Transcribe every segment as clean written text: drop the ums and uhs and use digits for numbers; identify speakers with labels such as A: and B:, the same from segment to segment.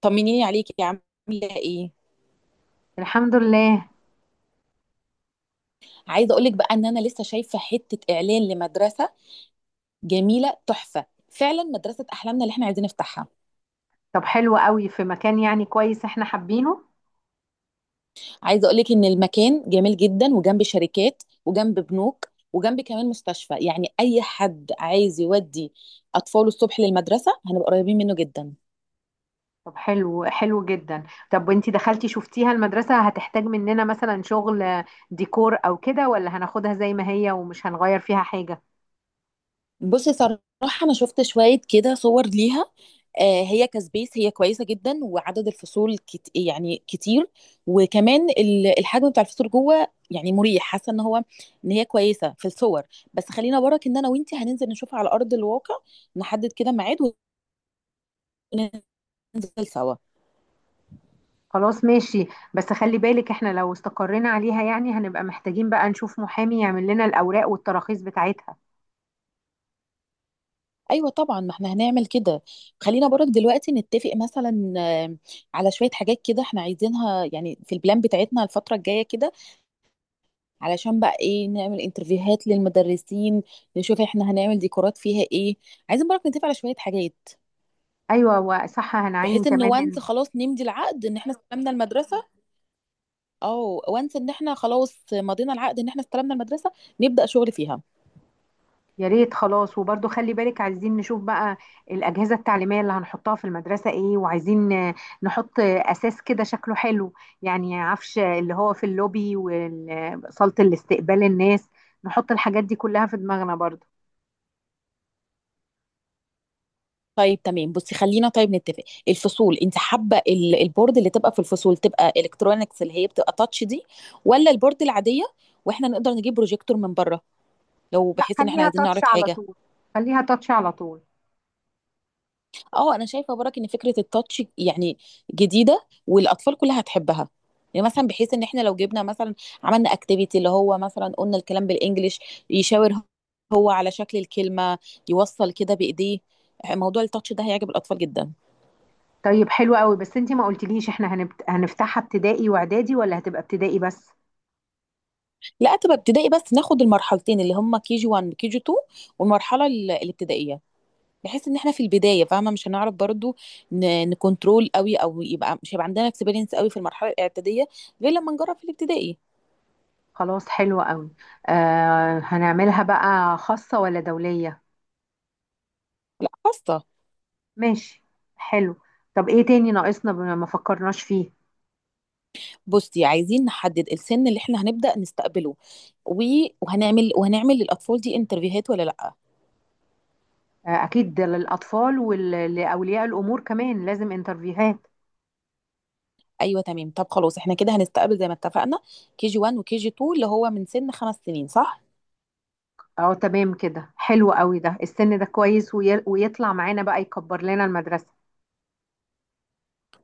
A: طمنيني عليكي عامله ايه؟
B: الحمد لله.
A: عايزه اقولك بقى ان انا لسه شايفه حته اعلان لمدرسه جميله تحفه، فعلا مدرسه احلامنا اللي احنا عايزين نفتحها.
B: طب حلو قوي، في مكان يعني كويس احنا حابينه.
A: عايزه اقولك ان المكان جميل جدا، وجنب شركات وجنب بنوك وجنب كمان مستشفى، يعني اي حد عايز يودي اطفاله الصبح للمدرسه هنبقى قريبين منه جدا.
B: طب حلو، حلو جدا. طب وانتي دخلتي شفتيها المدرسة؟ هتحتاج مننا مثلا شغل ديكور او كده، ولا هناخدها زي ما هي ومش هنغير فيها حاجة؟
A: بصي صراحه انا شفت شويه كده صور ليها، هي كسبيس، هي كويسه جدا وعدد الفصول يعني كتير. وكمان الحجم بتاع الفصول جوه يعني مريح، حاسه ان هي كويسه في الصور. بس خلينا وراك، ان انا وانتي هننزل نشوفها على ارض الواقع، نحدد كده ميعاد وننزل سوا.
B: خلاص ماشي، بس خلي بالك احنا لو استقرينا عليها يعني هنبقى محتاجين بقى نشوف محامي يعمل لنا الاوراق والتراخيص بتاعتها.
A: ايوه طبعا، ما احنا هنعمل كده. خلينا برك دلوقتي نتفق مثلا، على شويه حاجات كده احنا عايزينها يعني في البلان بتاعتنا الفتره الجايه كده، علشان بقى ايه، نعمل انترفيوهات للمدرسين، نشوف احنا هنعمل ديكورات فيها ايه. عايزين برضه نتفق على شويه حاجات،
B: ايوه، وصح هنعين
A: بحيث ان
B: كمان.
A: وانس خلاص نمضي العقد ان احنا استلمنا المدرسه، او وانس ان احنا خلاص مضينا العقد ان احنا استلمنا المدرسه، نبدا شغل فيها.
B: يا ريت، خلاص. وبرضو خلي بالك، عايزين نشوف بقى الأجهزة التعليمية اللي هنحطها في المدرسة ايه، وعايزين نحط أساس كده شكله حلو، يعني عفش اللي هو في اللوبي وصالة الاستقبال الناس. نحط الحاجات دي كلها في دماغنا برضو.
A: طيب تمام، بصي خلينا طيب نتفق، الفصول انت حابه البورد اللي تبقى في الفصول تبقى الكترونكس اللي هي بتبقى تاتش دي، ولا البورد العاديه واحنا نقدر نجيب بروجيكتور من بره لو
B: لا،
A: بحيث ان احنا
B: خليها
A: عايزين نعرض
B: تاتش على
A: حاجه؟
B: طول، خليها تاتش على طول.
A: اه انا شايفه برك ان فكره التاتش يعني جديده والاطفال كلها هتحبها. يعني مثلا بحيث ان احنا لو جبنا مثلا، عملنا اكتيفيتي اللي هو مثلا قلنا الكلام بالانجلش، يشاور هو على شكل الكلمه، يوصل كده بايديه، موضوع التاتش ده هيعجب الاطفال جدا.
B: طيب حلو قوي، بس انتي ما قلتليش احنا هنفتحها ابتدائي واعدادي ولا هتبقى ابتدائي بس؟
A: لا تبقى ابتدائي بس، ناخد المرحلتين اللي هم كي جي 1 وكي جي 2 والمرحله الابتدائيه، بحيث ان احنا في البدايه فاهمه مش هنعرف برضو نكنترول قوي، او يبقى مش هيبقى عندنا اكسبيرينس قوي في المرحله الاعداديه غير لما نجرب في الابتدائي.
B: خلاص حلو قوي. آه، هنعملها بقى خاصة ولا دولية؟
A: لا خاصه.
B: ماشي، حلو. طب ايه تاني ناقصنا بما ما فكرناش فيه؟
A: بصي عايزين نحدد السن اللي احنا هنبدأ نستقبله، و... وهنعمل للأطفال دي انترفيوهات ولا لأ.
B: اكيد ده للاطفال ولاولياء الامور كمان لازم انترفيوهات.
A: أيوة تمام، طب خلاص احنا كده هنستقبل زي ما اتفقنا كي جي 1 وكي جي 2، اللي هو من سن 5 سنين، صح؟
B: اه تمام، كده حلو قوي، ده السن ده كويس، ويطلع معانا بقى يكبر لنا المدرسة.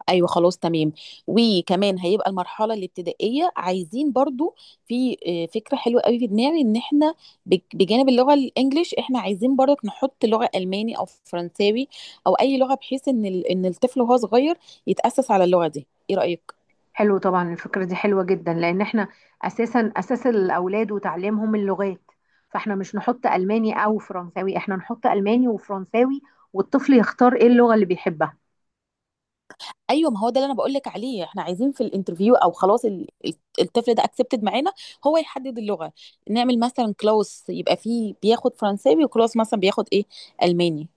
A: ايوه خلاص تمام. وكمان هيبقى المرحله الابتدائيه، عايزين برضو، في فكره حلوه قوي في دماغي ان احنا بجانب اللغه الانجليش احنا عايزين برضك نحط لغه الماني او فرنساوي، او اي لغه بحيث ان الطفل وهو صغير يتاسس على اللغه دي. ايه رايك؟
B: حلو، طبعا الفكرة دي حلوة جدا، لان احنا اساسا اساس الاولاد وتعليمهم اللغات، فاحنا مش نحط الماني او فرنساوي، احنا نحط الماني وفرنساوي، والطفل يختار ايه اللغة اللي بيحبها.
A: ايوه ما هو ده اللي انا بقول لك عليه، احنا عايزين في الانترفيو او خلاص الطفل ده اكسبتد معانا، هو يحدد اللغه. نعمل مثلا كلاس يبقى فيه بياخد فرنساوي، وكلاس مثلا بياخد ايه، الماني،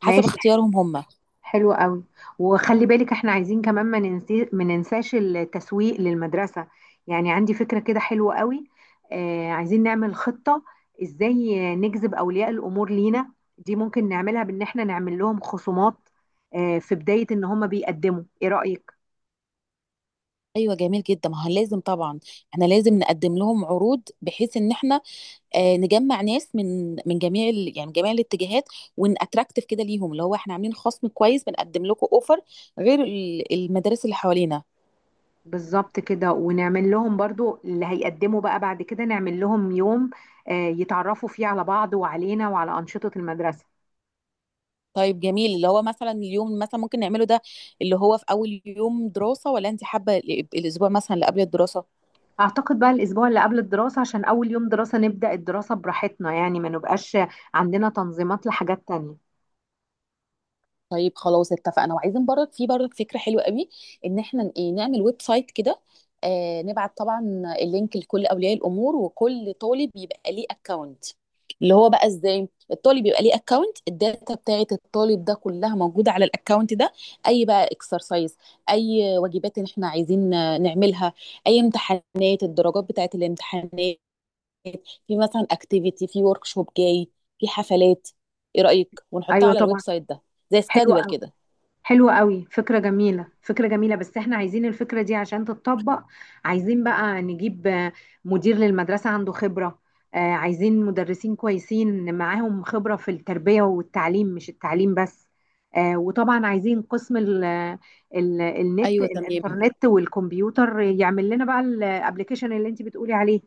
A: حسب
B: ماشي،
A: اختيارهم هم.
B: حلو قوي. وخلي بالك احنا عايزين كمان ما ننساش التسويق للمدرسة. يعني عندي فكرة كده حلوة قوي. آه، عايزين نعمل خطة ازاي نجذب اولياء الامور لينا. دي ممكن نعملها بان احنا نعمل لهم خصومات آه في بداية ان هم بيقدموا، ايه رأيك؟
A: ايوه جميل جدا، ما هو لازم طبعا احنا لازم نقدم لهم عروض، بحيث ان احنا نجمع ناس من جميع يعني جميع الاتجاهات، وان اتراكتيف كده ليهم، اللي هو احنا عاملين خصم كويس، بنقدم لكم اوفر غير المدارس اللي حوالينا.
B: بالظبط كده. ونعمل لهم برضو اللي هيقدموا بقى بعد كده، نعمل لهم يوم يتعرفوا فيه على بعض وعلينا وعلى أنشطة المدرسة.
A: طيب جميل، اللي هو مثلا اليوم مثلا ممكن نعمله ده، اللي هو في اول يوم دراسة، ولا انت حابة الاسبوع مثلا اللي قبل الدراسة؟
B: اعتقد بقى الاسبوع اللي قبل الدراسة، عشان اول يوم دراسة نبدأ الدراسة براحتنا، يعني ما نبقاش عندنا تنظيمات لحاجات تانية.
A: طيب خلاص اتفقنا. وعايزين برضك، في برضك فكرة حلوة قوي، ان احنا ايه، نعمل ويب سايت كده، نبعت طبعا اللينك لكل اولياء الامور، وكل طالب يبقى ليه اكونت. اللي هو بقى ازاي الطالب يبقى ليه اكونت، الداتا بتاعه الطالب ده كلها موجودة على الاكونت ده، اي بقى اكسرسايز، اي واجبات ان احنا عايزين نعملها، اي امتحانات، الدرجات بتاعه الامتحانات، في مثلا اكتيفيتي، في ورك شوب جاي، في حفلات. ايه رأيك ونحطها
B: ايوه
A: على الويب
B: طبعا.
A: سايت ده، زي
B: حلو،
A: سكادول كده؟
B: حلوة قوي فكرة، جميلة فكرة جميلة، بس احنا عايزين الفكرة دي عشان تتطبق عايزين بقى نجيب مدير للمدرسة عنده خبرة. عايزين مدرسين كويسين معاهم خبرة في التربية والتعليم، مش التعليم بس. وطبعا عايزين قسم ال النت
A: ايوه تمام.
B: الانترنت والكمبيوتر، يعمل لنا بقى الابليكيشن اللي انت بتقولي عليه.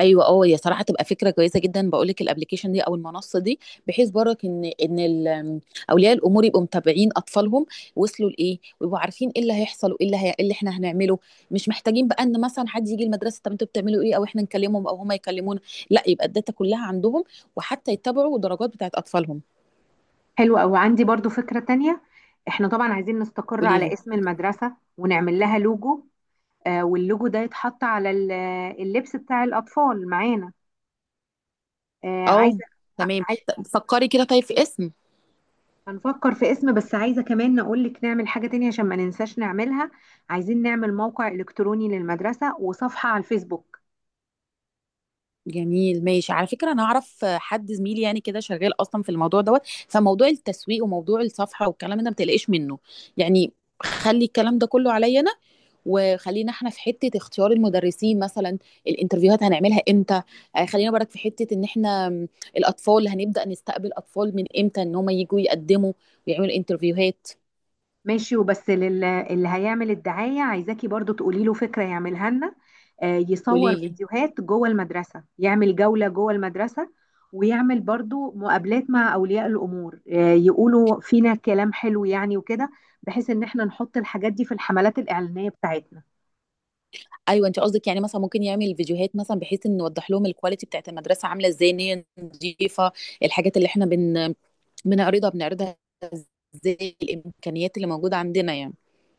A: ايوه اه، هي صراحه تبقى فكره كويسه جدا، بقول لك الابلكيشن دي او المنصه دي، بحيث برك اولياء الامور يبقوا متابعين اطفالهم، وصلوا لايه، ويبقوا عارفين ايه اللي هيحصل، وايه إيه اللي احنا هنعمله. مش محتاجين بقى ان مثلا حد يجي المدرسه، طب انتوا بتعملوا ايه، او احنا نكلمهم او هما يكلمونا، لا يبقى الداتا كلها عندهم، وحتى يتبعوا الدرجات بتاعت اطفالهم.
B: حلو قوي، عندي برضو فكرة تانية. احنا طبعا عايزين نستقر
A: قولي
B: على
A: لي.
B: اسم المدرسة ونعمل لها لوجو. واللوجو ده يتحط على اللبس بتاع الأطفال معانا. آه، عايزة
A: اه تمام،
B: عايزة
A: طب فكري كده طيب في اسم.
B: هنفكر في اسم، بس عايزة كمان نقول لك نعمل حاجة تانية عشان ما ننساش نعملها. عايزين نعمل موقع إلكتروني للمدرسة وصفحة على الفيسبوك.
A: جميل ماشي. على فكرة أنا أعرف حد زميلي يعني كده شغال أصلا في الموضوع دوت، فموضوع التسويق وموضوع الصفحة والكلام ده ما تقلقش منه يعني، خلي الكلام ده كله عليا أنا. وخلينا احنا في حتة اختيار المدرسين مثلا، الانترفيوهات هنعملها امتى، خلينا برك في حتة ان احنا الأطفال هنبدأ نستقبل أطفال من امتى، ان هم يجوا يقدموا ويعملوا انترفيوهات.
B: ماشي. وبس اللي هيعمل الدعاية، عايزاكي برضو تقولي له فكرة يعملها لنا. يصور
A: قوليلي.
B: فيديوهات جوه المدرسة، يعمل جولة جوه المدرسة، ويعمل برضو مقابلات مع أولياء الأمور، يقولوا فينا كلام حلو يعني وكده، بحيث إن احنا نحط الحاجات دي في الحملات الإعلانية بتاعتنا.
A: ايوه انت قصدك يعني مثلا ممكن يعمل فيديوهات، مثلا بحيث ان نوضح لهم الكواليتي بتاعت المدرسه عامله ازاي، ان هي نظيفه، الحاجات اللي احنا بنعرضها ازاي، الامكانيات اللي موجوده عندنا يعني.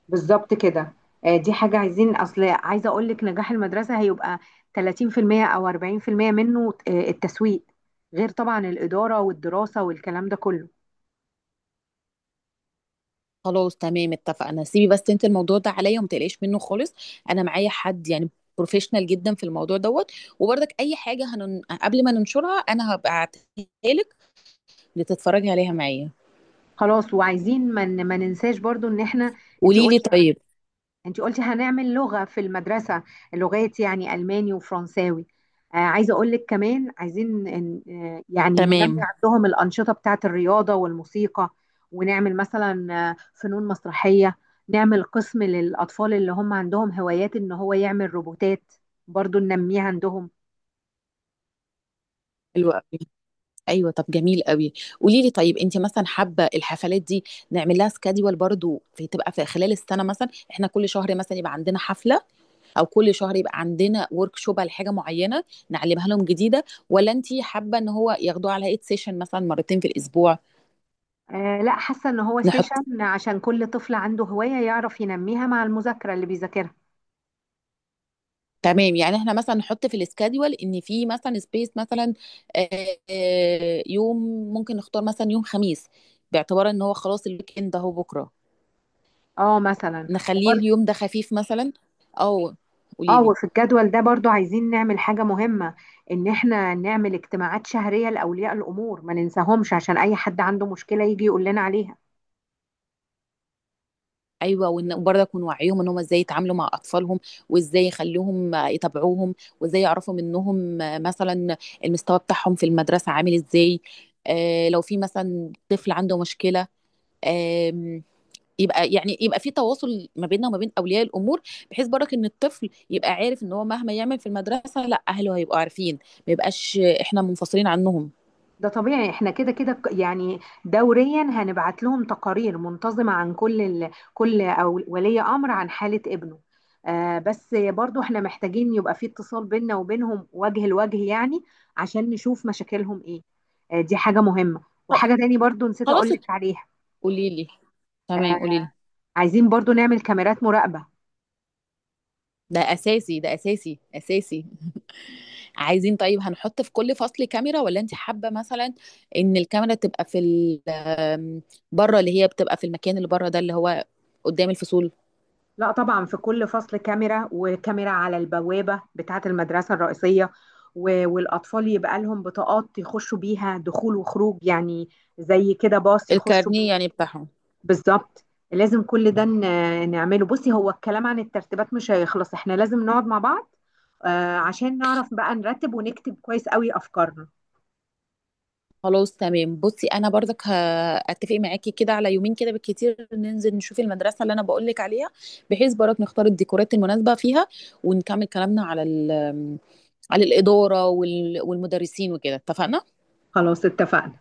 B: بالظبط كده. دي حاجة عايزين، أصل عايزة أقول لك نجاح المدرسة هيبقى 30% أو 40% منه التسويق، غير طبعا الإدارة والدراسة والكلام ده كله.
A: خلاص تمام اتفقنا، سيبي بس انت الموضوع ده عليا وما تقلقيش منه خالص، انا معايا حد يعني بروفيشنال جدا في الموضوع دوت. وبرضك اي حاجه قبل ما ننشرها انا هبعتها لك لتتفرجي عليها معايا.
B: خلاص. وعايزين ما ننساش برضو ان احنا، انت
A: قولي لي
B: قلتي
A: طيب.
B: انت قلتي هنعمل لغة في المدرسة، لغات يعني الماني وفرنساوي. آه، عايزة اقول لك كمان، عايزين إن يعني ننمي
A: تمام.
B: عندهم الأنشطة بتاعة الرياضة والموسيقى، ونعمل مثلا فنون مسرحية. نعمل قسم للأطفال اللي هم عندهم هوايات ان هو يعمل روبوتات، برضو ننميها عندهم.
A: حلو قوي. ايوه طب جميل قوي. قولي لي طيب، انت مثلا حابه الحفلات دي نعمل لها سكادول برضو، في تبقى في خلال السنه مثلا احنا كل شهر مثلا يبقى عندنا حفله، او كل شهر يبقى عندنا ورك شوب على حاجه معينه نعلمها لهم جديده، ولا انت حابه ان هو ياخدوها على ايد سيشن مثلا مرتين في الاسبوع؟
B: آه، لا، حاسة ان هو
A: نحط
B: سيشن، عشان كل طفل عنده هواية يعرف ينميها مع المذاكرة اللي بيذاكرها.
A: تمام، يعني احنا مثلا نحط في السكادول ان في مثلا سبيس مثلا، آه، يوم، ممكن نختار مثلا يوم خميس باعتبار ان هو خلاص الويك اند اهو بكره،
B: اه مثلا.
A: نخليه
B: وبرضه
A: اليوم ده خفيف مثلا، او... قولي
B: اه،
A: لي.
B: وفي الجدول ده برضو عايزين نعمل حاجة مهمة، ان احنا نعمل اجتماعات شهرية لأولياء الأمور، ما ننساهمش، عشان اي حد عنده مشكلة يجي يقول لنا عليها.
A: ايوه، وان برضه يكون وعيهم ان هم ازاي يتعاملوا مع اطفالهم، وازاي يخلوهم يتابعوهم، وازاي يعرفوا منهم مثلا المستوى بتاعهم في المدرسه عامل ازاي، آه لو في مثلا طفل عنده مشكله، آم، يبقى يعني يبقى في تواصل ما بيننا وما بين اولياء الامور، بحيث برضك ان الطفل يبقى عارف ان هو مهما يعمل في المدرسه لا اهله هيبقوا عارفين، ما يبقاش احنا منفصلين عنهم.
B: ده طبيعي، احنا كده كده يعني دوريا هنبعت لهم تقارير منتظمة عن كل أو ولي أمر عن حالة ابنه. آه، بس برضو احنا محتاجين يبقى في اتصال بيننا وبينهم وجه لوجه يعني، عشان نشوف مشاكلهم ايه. آه، دي حاجة مهمة، وحاجة تاني برضو نسيت
A: خلاص.
B: اقول لك عليها.
A: قولي لي.
B: آه،
A: تمام قولي لي.
B: عايزين برضو نعمل كاميرات مراقبة.
A: ده اساسي، ده اساسي اساسي. عايزين طيب هنحط في كل فصل كاميرا، ولا انت حابة مثلا ان الكاميرا تبقى في ال- آمم، بره، اللي هي بتبقى في المكان اللي بره ده اللي هو قدام الفصول؟
B: لا طبعا، في كل فصل كاميرا، وكاميرا على البوابة بتاعة المدرسة الرئيسية، والأطفال يبقى لهم بطاقات يخشوا بيها دخول وخروج يعني، زي كده باص يخشوا
A: الكارنيه
B: بيه.
A: يعني بتاعهم.
B: بالظبط. لازم كل ده نعمله. بصي هو الكلام عن الترتيبات مش هيخلص، احنا لازم نقعد مع بعض عشان نعرف بقى نرتب ونكتب كويس قوي أفكارنا.
A: خلاص تمام. بصي انا برضك هاتفق معاكي كده على يومين كده بالكتير، ننزل نشوف المدرسة اللي انا بقول لك عليها، بحيث برضك نختار الديكورات المناسبة فيها، ونكمل كلامنا على ال- آمم، على الإدارة والمدرسين وكده، اتفقنا.
B: خلاص اتفقنا.